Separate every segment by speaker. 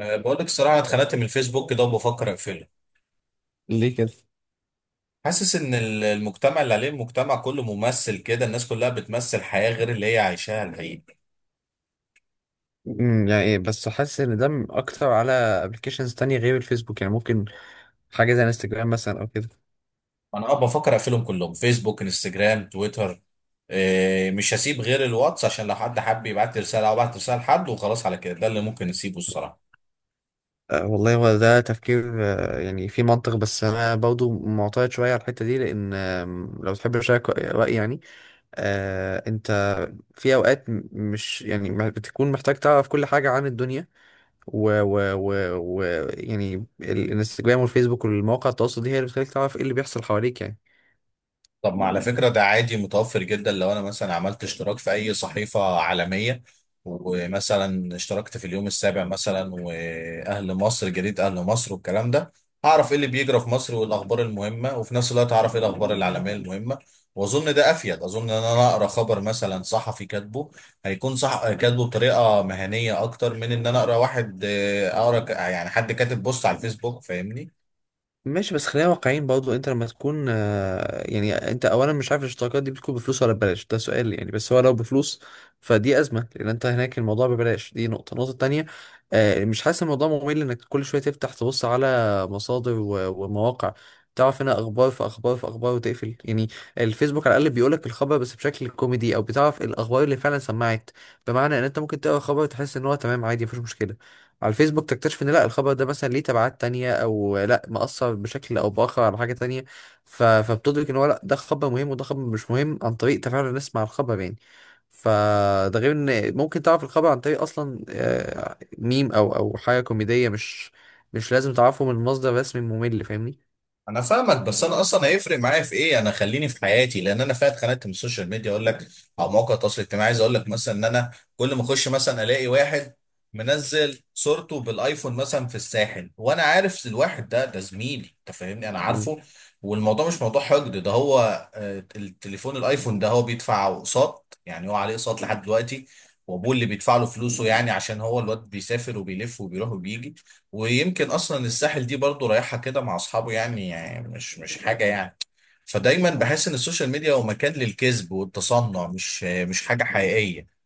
Speaker 1: بقول لك الصراحة أنا اتخنقت من الفيسبوك كده وبفكر أقفله.
Speaker 2: ليه كده؟
Speaker 1: حاسس إن المجتمع اللي عليه، المجتمع كله ممثل كده، الناس كلها بتمثل حياة غير اللي هي عايشاها الحقيقة.
Speaker 2: يعني إيه، بس حاسس ان ده اكتر على ابلكيشنز تانية غير الفيسبوك، يعني ممكن حاجة زي انستجرام مثلا او كده.
Speaker 1: أنا بفكر أقفلهم كلهم، فيسبوك، انستجرام، تويتر. مش هسيب غير الواتس عشان لو حد حب يبعت لي رسالة أو بعت رسالة لحد، وخلاص على كده، ده اللي ممكن نسيبه الصراحة.
Speaker 2: والله هو ده تفكير، يعني في منطق، بس انا برضو معترض شوية على الحتة دي لان لو تحب اشارك رأيي يعني، انت. في اوقات مش يعني ما بتكون محتاج تعرف كل حاجة عن الدنيا، و, و, و, و يعني الانستجرام والفيسبوك والمواقع التواصل دي هي اللي بتخليك تعرف ايه اللي بيحصل حواليك يعني.
Speaker 1: طب ما على فكرة ده عادي متوفر جدا، لو أنا مثلا عملت اشتراك في أي صحيفة عالمية ومثلا اشتركت في اليوم السابع مثلا وأهل مصر، جريدة أهل مصر والكلام ده، هعرف إيه اللي بيجرى في مصر والأخبار المهمة، وفي نفس الوقت هعرف إيه الأخبار العالمية المهمة. وأظن ده أفيد، أظن إن أنا أقرأ خبر مثلا صحفي كاتبه هيكون صح، كاتبه بطريقة مهنية أكتر من إن أنا أقرأ واحد أقرأ يعني حد كاتب بوست على الفيسبوك، فاهمني؟
Speaker 2: ماشي، بس خلينا واقعيين برضه. انت لما تكون يعني انت اولا مش عارف الاشتراكات دي بتكون بفلوس ولا ببلاش، ده سؤال يعني، بس هو لو بفلوس فدي ازمه، لان انت هناك الموضوع ببلاش. دي نقطه. النقطه التانيه، مش حاسس الموضوع ممل انك كل شويه تفتح تبص على مصادر ومواقع، تعرف هنا اخبار في اخبار في اخبار وتقفل يعني. الفيسبوك على الاقل بيقولك الخبر، بس بشكل كوميدي، او بتعرف الاخبار اللي فعلا سمعت. بمعنى ان انت ممكن تقرا خبر تحس ان هو تمام عادي، مفيش مشكله، على الفيسبوك تكتشف ان لا، الخبر ده مثلا ليه تبعات تانية، او لا مأثر بشكل او بآخر على حاجة تانية. فبتدرك ان هو لا، ده خبر مهم وده خبر مش مهم، عن طريق تفاعل الناس مع الخبر يعني. فده غير ان ممكن تعرف الخبر عن طريق اصلا ميم او حاجة كوميدية، مش لازم تعرفه من مصدر رسمي ممل، فاهمني؟
Speaker 1: انا فاهمك، بس انا اصلا هيفرق معايا في ايه؟ انا خليني في حياتي، لان انا فات اتخانقت من السوشيال ميديا اقول لك، او مواقع التواصل الاجتماعي، عايز اقول لك مثلا ان انا كل ما اخش مثلا الاقي واحد منزل صورته بالايفون مثلا في الساحل، وانا عارف الواحد ده، ده زميلي، انت فاهمني، انا عارفه. والموضوع مش موضوع حقد، ده هو التليفون الايفون ده هو بيدفع اقساط، يعني هو عليه اقساط لحد دلوقتي. وابوه اللي بيدفع له فلوسه، يعني عشان هو الواد بيسافر وبيلف وبيروح وبيجي. ويمكن اصلا الساحل دي برضو رايحه كده مع اصحابه، يعني مش حاجه يعني. فدايما بحس ان السوشيال ميديا هو مكان للكذب والتصنع، مش حاجه حقيقيه.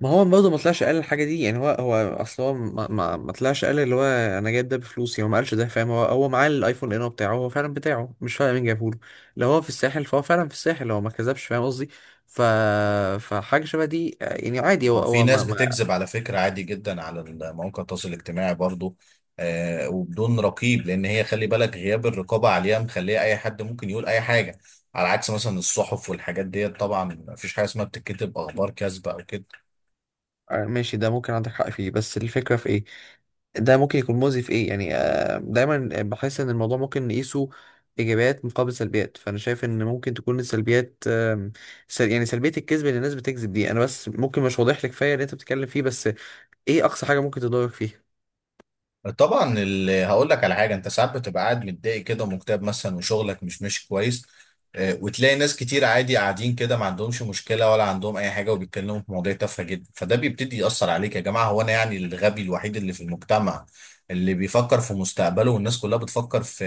Speaker 2: ما هو برضه ما طلعش قال الحاجه دي يعني. هو اصل هو ما طلعش قال، اللي هو انا جايب ده بفلوسي، هو ما قالش ده فاهم. هو معاه الايفون انه بتاعه، هو فعلا بتاعه، مش فاهم مين جابه له. لو هو في الساحل فهو فعلا في الساحل، هو ما كذبش، فاهم قصدي؟ ف فحاجه شبه دي يعني عادي. هو
Speaker 1: ما في
Speaker 2: هو
Speaker 1: ناس
Speaker 2: ما.
Speaker 1: بتكذب على فكره، عادي جدا، على مواقع التواصل الاجتماعي برضو. وبدون رقيب، لان هي خلي بالك، غياب الرقابه عليها مخليه اي حد ممكن يقول اي حاجه، على عكس مثلا الصحف والحاجات ديت، طبعا مفيش حاجه اسمها بتتكتب اخبار كاذبه او كده.
Speaker 2: ماشي، ده ممكن عندك حق فيه، بس الفكرة في ايه؟ ده ممكن يكون مؤذي في ايه يعني؟ دايما بحس ان الموضوع ممكن نقيسه ايجابيات مقابل سلبيات. فانا شايف ان ممكن تكون السلبيات يعني سلبيه الكذب اللي الناس بتكذب دي، انا بس ممكن مش واضح لك كفايه اللي انت بتتكلم فيه، بس ايه اقصى حاجه ممكن تضرك فيها؟
Speaker 1: طبعا هقول لك على حاجه، انت ساعات بتبقى قاعد متضايق كده ومكتئب مثلا، وشغلك مش ماشي كويس، وتلاقي ناس كتير عادي قاعدين كده، ما عندهمش مشكله ولا عندهم اي حاجه، وبيتكلموا في مواضيع تافهه جدا، فده بيبتدي ياثر عليك، يا جماعه هو انا يعني الغبي الوحيد اللي في المجتمع اللي بيفكر في مستقبله، والناس كلها بتفكر في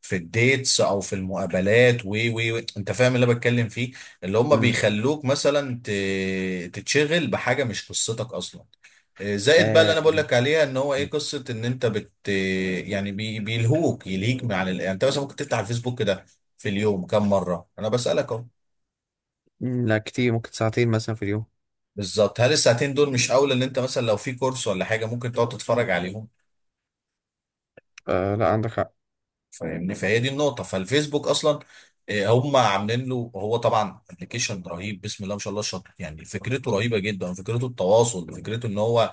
Speaker 1: في الديتس او في المقابلات و. انت فاهم اللي انا بتكلم فيه؟ اللي هم
Speaker 2: امم
Speaker 1: بيخلوك مثلا تتشغل بحاجه مش قصتك اصلا. زائد بقى اللي انا
Speaker 2: آه
Speaker 1: بقول لك عليها، ان هو ايه قصه ان انت يعني يلهيك من عن يعني انت مثلا ممكن تفتح الفيسبوك كده في اليوم كم مره؟ انا بسالك اهو.
Speaker 2: مم، لا، كتير، ممكن ساعتين مثلا في اليوم.
Speaker 1: بالظبط، هل الساعتين دول مش اولى ان انت مثلا لو في كورس ولا حاجه ممكن تقعد تتفرج عليهم؟
Speaker 2: آه، لا، عندك حق.
Speaker 1: فاهمني؟ فهي دي النقطه. فالفيسبوك اصلا هم عاملين له، هو طبعا ابلكيشن رهيب بسم الله ما شاء الله، شاطر يعني، فكرته رهيبه جدا، فكرته التواصل، فكرته ان هو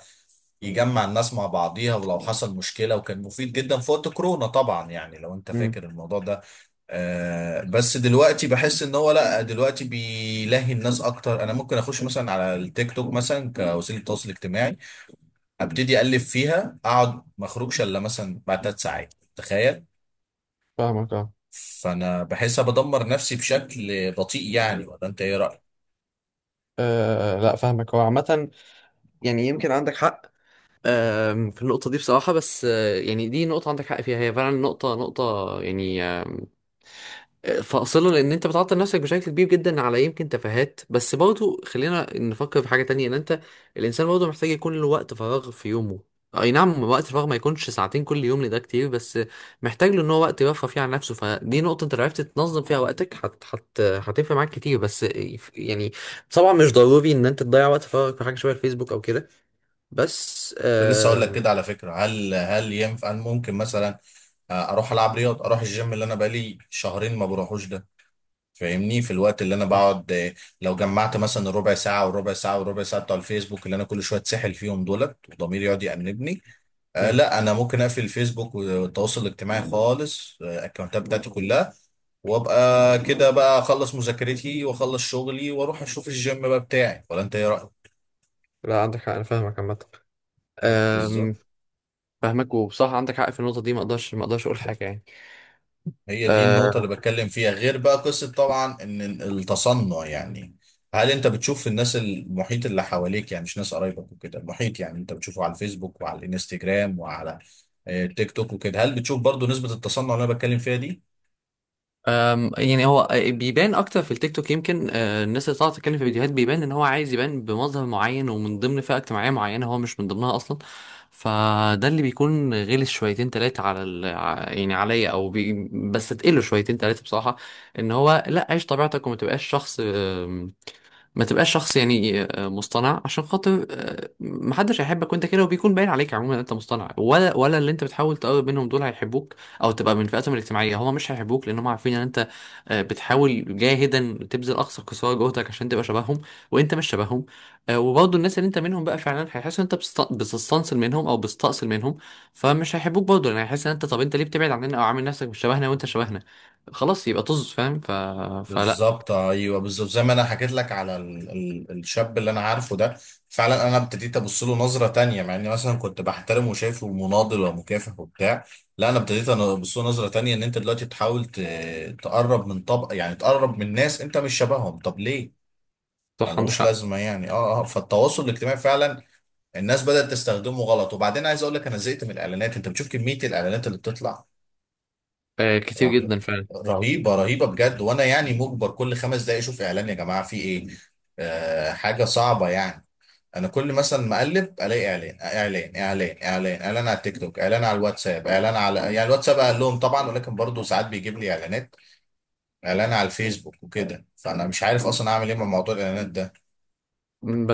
Speaker 1: يجمع الناس مع بعضيها ولو حصل مشكله، وكان مفيد جدا في وقت كورونا طبعا، يعني لو انت
Speaker 2: مم.
Speaker 1: فاكر الموضوع ده. بس دلوقتي بحس ان هو لا، دلوقتي بيلهي الناس اكتر، انا ممكن اخش مثلا على التيك توك مثلا كوسيله تواصل اجتماعي، ابتدي اقلب فيها، اقعد ما اخرجش الا مثلا بعد 3 ساعات، تخيل.
Speaker 2: فاهمك، اه.
Speaker 1: فانا بحس بدمر نفسي بشكل بطيء يعني، ولا انت ايه رايك؟
Speaker 2: لا، فاهمك. هو عامة يعني يمكن عندك حق في النقطة دي بصراحة، بس يعني دي نقطة عندك حق فيها، هي فعلا نقطة يعني فاصلة، لأن أنت بتعطل نفسك بشكل كبير جدا على يمكن تفاهات. بس برضو خلينا نفكر في حاجة تانية، إن أنت الإنسان برضو محتاج يكون له وقت فراغ في يومه. أي نعم، وقت الفراغ ما يكونش ساعتين كل يوم، لده كتير، بس محتاج له إن هو وقت يرفه فيه عن نفسه. فدي نقطة أنت لو عرفت تنظم فيها وقتك هت هت هتفرق معاك كتير، بس يعني طبعا مش ضروري إن أنت تضيع وقت فراغك في حاجة شبه الفيسبوك أو كده، بس
Speaker 1: كنت لسه اقول لك كده على فكره، هل ينفع، هل ممكن مثلا اروح العب رياضه، اروح الجيم اللي انا بقالي شهرين ما بروحوش ده. فاهمني، في الوقت اللي انا بقعد لو جمعت مثلا ربع ساعه وربع ساعه وربع ساعه بتوع الفيسبوك اللي انا كل شويه اتسحل فيهم دولت، وضميري يقعد يأنبني. آه،
Speaker 2: مم.
Speaker 1: لا، انا ممكن اقفل الفيسبوك والتواصل الاجتماعي خالص، الاكونتات بتاعتي كلها وابقى كده بقى، اخلص مذاكرتي واخلص شغلي واروح اشوف الجيم بقى بتاعي، ولا انت ايه رايك؟
Speaker 2: لا، عندك حق، انا فاهمك عامه.
Speaker 1: بالظبط،
Speaker 2: أم، فاهمك، وبصراحه عندك حق في النقطه دي. ما اقدرش اقول حاجه يعني.
Speaker 1: هي دي النقطة اللي
Speaker 2: أه،
Speaker 1: بتكلم فيها، غير بقى قصة طبعا ان التصنع يعني. هل انت بتشوف الناس المحيط اللي حواليك، يعني مش ناس قرايبك وكده، المحيط يعني انت بتشوفه على الفيسبوك وعلى الانستجرام وعلى التيك توك وكده، هل بتشوف برضو نسبة التصنع اللي انا بتكلم فيها دي؟
Speaker 2: أم، يعني هو بيبان اكتر في التيك توك. يمكن الناس اللي طالعه تتكلم في فيديوهات بيبان ان هو عايز يبان بمظهر معين ومن ضمن فئه اجتماعيه معينه هو مش من ضمنها اصلا. فده اللي بيكون غلس شويتين تلاتة على يعني عليا او بس تقله شويتين تلاتة بصراحه، ان هو لا، عيش طبيعتك وما تبقاش شخص. ما تبقاش شخص يعني مصطنع عشان خاطر، محدش هيحبك وانت كده، وبيكون باين عليك عموما ان انت مصطنع، ولا اللي انت بتحاول تقرب منهم دول هيحبوك، او تبقى من فئاتهم الاجتماعيه. هما مش هيحبوك لان هما عارفين ان انت بتحاول جاهدا تبذل اقصى قصارى جهدك عشان تبقى شبههم، وانت مش شبههم. وبرضه الناس اللي انت منهم بقى فعلا هيحسوا ان انت بتستنصل منهم او بتستأصل منهم، فمش هيحبوك برضه، لان هيحس ان انت، طب انت ليه بتبعد عننا او عامل نفسك مش شبهنا وانت شبهنا؟ خلاص، يبقى طز، فاهم؟ فلا.
Speaker 1: بالظبط، ايوه، بالظبط، زي ما انا حكيت لك على ال ال الشاب اللي انا عارفه ده. فعلا انا ابتديت ابص له نظره تانية، مع اني مثلا كنت بحترمه وشايفه مناضل ومكافح وبتاع. لا، انا ابتديت ابص له نظره تانية، ان انت دلوقتي تحاول تقرب من طبقه، يعني تقرب من ناس انت مش شبههم، طب ليه؟
Speaker 2: صح، عندك
Speaker 1: ملوش
Speaker 2: حق.
Speaker 1: لازمه يعني، فالتواصل الاجتماعي فعلا الناس بدأت تستخدمه غلط، وبعدين عايز اقول لك، انا زهقت من الاعلانات، انت بتشوف كميه الاعلانات اللي بتطلع،
Speaker 2: كتير
Speaker 1: رهيب-
Speaker 2: جدا فعلا.
Speaker 1: رهيبه رهيبه بجد، وانا يعني مجبر كل 5 دقايق اشوف اعلان، يا جماعه في ايه؟ حاجه صعبه يعني. انا كل مثلا ما اقلب الاقي اعلان اعلان اعلان اعلان اعلان على التيك توك، اعلان على الواتساب، اعلان على يعني الواتساب اقل لهم طبعا، ولكن برضه ساعات بيجيب لي اعلانات، اعلان على الفيسبوك وكده، فانا مش عارف اصلا اعمل ايه مع موضوع الاعلانات ده.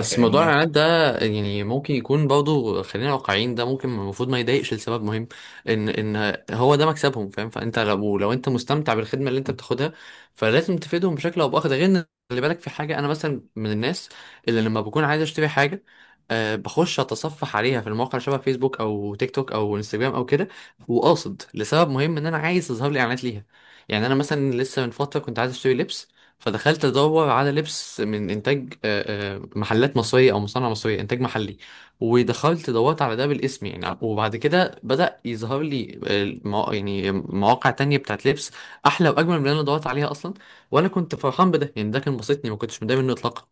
Speaker 1: انت
Speaker 2: موضوع
Speaker 1: فاهمني؟
Speaker 2: الاعلانات ده يعني ممكن يكون برضه، خلينا واقعيين، ده ممكن المفروض ما يضايقش لسبب مهم، ان هو ده مكسبهم فاهم. فانت لو انت مستمتع بالخدمه اللي انت بتاخدها فلازم تفيدهم بشكل او باخر، ده غير ان خلي بالك في حاجه، انا مثلا من الناس اللي لما بكون عايز اشتري حاجه بخش اتصفح عليها في المواقع شبه فيسبوك او تيك توك او انستجرام او كده، وقاصد لسبب مهم ان انا عايز يظهر لي اعلانات ليها. يعني انا مثلا لسه من فتره كنت عايز اشتري لبس، فدخلت ادور على لبس من انتاج محلات مصريه او مصانع مصريه، انتاج محلي. ودخلت دورت على ده بالاسم يعني، وبعد كده بدا يظهر لي يعني مواقع تانية بتاعت لبس احلى واجمل من اللي انا دورت عليها اصلا. وانا كنت فرحان بده يعني، ده كان بسطني، ما كنتش متضايق منه اطلاقا.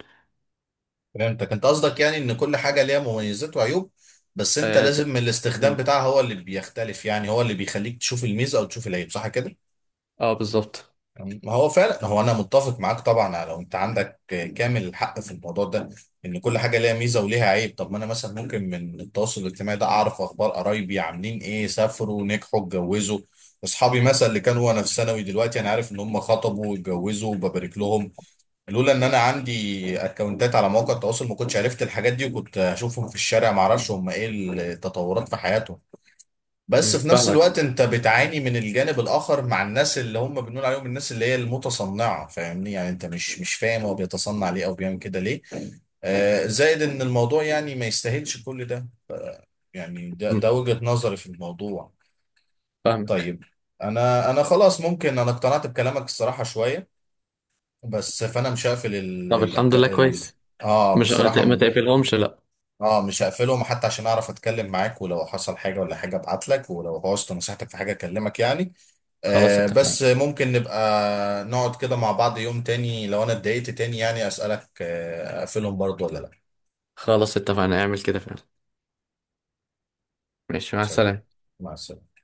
Speaker 1: فهمتك، انت قصدك يعني ان كل حاجه ليها مميزات وعيوب، بس انت
Speaker 2: اه،
Speaker 1: لازم الاستخدام
Speaker 2: مم.
Speaker 1: بتاعها هو اللي بيختلف، يعني هو اللي بيخليك تشوف الميزه او تشوف العيب، صح كده؟
Speaker 2: بالظبط.
Speaker 1: ما هو فعلا، هو انا متفق معاك طبعا لو انت عندك كامل الحق في الموضوع ده، ان كل حاجه ليها ميزه وليها عيب. طب ما انا مثلا ممكن من التواصل الاجتماعي ده اعرف اخبار قرايبي عاملين ايه، سافروا، نجحوا، اتجوزوا. اصحابي مثلا اللي كانوا وانا في ثانوي، دلوقتي انا عارف ان هم خطبوا واتجوزوا وببارك لهم. لولا ان انا عندي اكونتات على مواقع التواصل ما كنتش عرفت الحاجات دي، وكنت هشوفهم في الشارع ما اعرفش هم ايه التطورات في حياتهم. بس في نفس
Speaker 2: فاهمك.
Speaker 1: الوقت انت بتعاني من الجانب الاخر، مع الناس اللي هم بنقول عليهم الناس اللي هي المتصنعه، فاهمني؟ يعني انت مش فاهم هو بيتصنع ليه او بيعمل كده ليه. زائد ان الموضوع يعني ما يستاهلش كل ده، يعني ده
Speaker 2: مم،
Speaker 1: ده وجهه نظري في الموضوع.
Speaker 2: فاهمك.
Speaker 1: طيب. انا خلاص، ممكن انا اقتنعت بكلامك الصراحه شويه، بس فانا مش هقفل.
Speaker 2: طب، الحمد لله، كويس.
Speaker 1: اه،
Speaker 2: مش
Speaker 1: بصراحه.
Speaker 2: ما تقفلهمش، لا.
Speaker 1: اه، مش هقفلهم حتى عشان اعرف اتكلم معاك، ولو حصل حاجه ولا حاجه ابعت لك، ولو بوظت نصيحتك في حاجه اكلمك يعني.
Speaker 2: خلاص، اتفقنا.
Speaker 1: بس ممكن نبقى نقعد كده مع بعض يوم تاني، لو انا اتضايقت تاني يعني اسالك، اقفلهم برضو ولا لا؟
Speaker 2: خلاص، اتفقنا، اعمل كده فعلا. ماشي، مع
Speaker 1: سلام،
Speaker 2: السلامه.
Speaker 1: مع السلامه.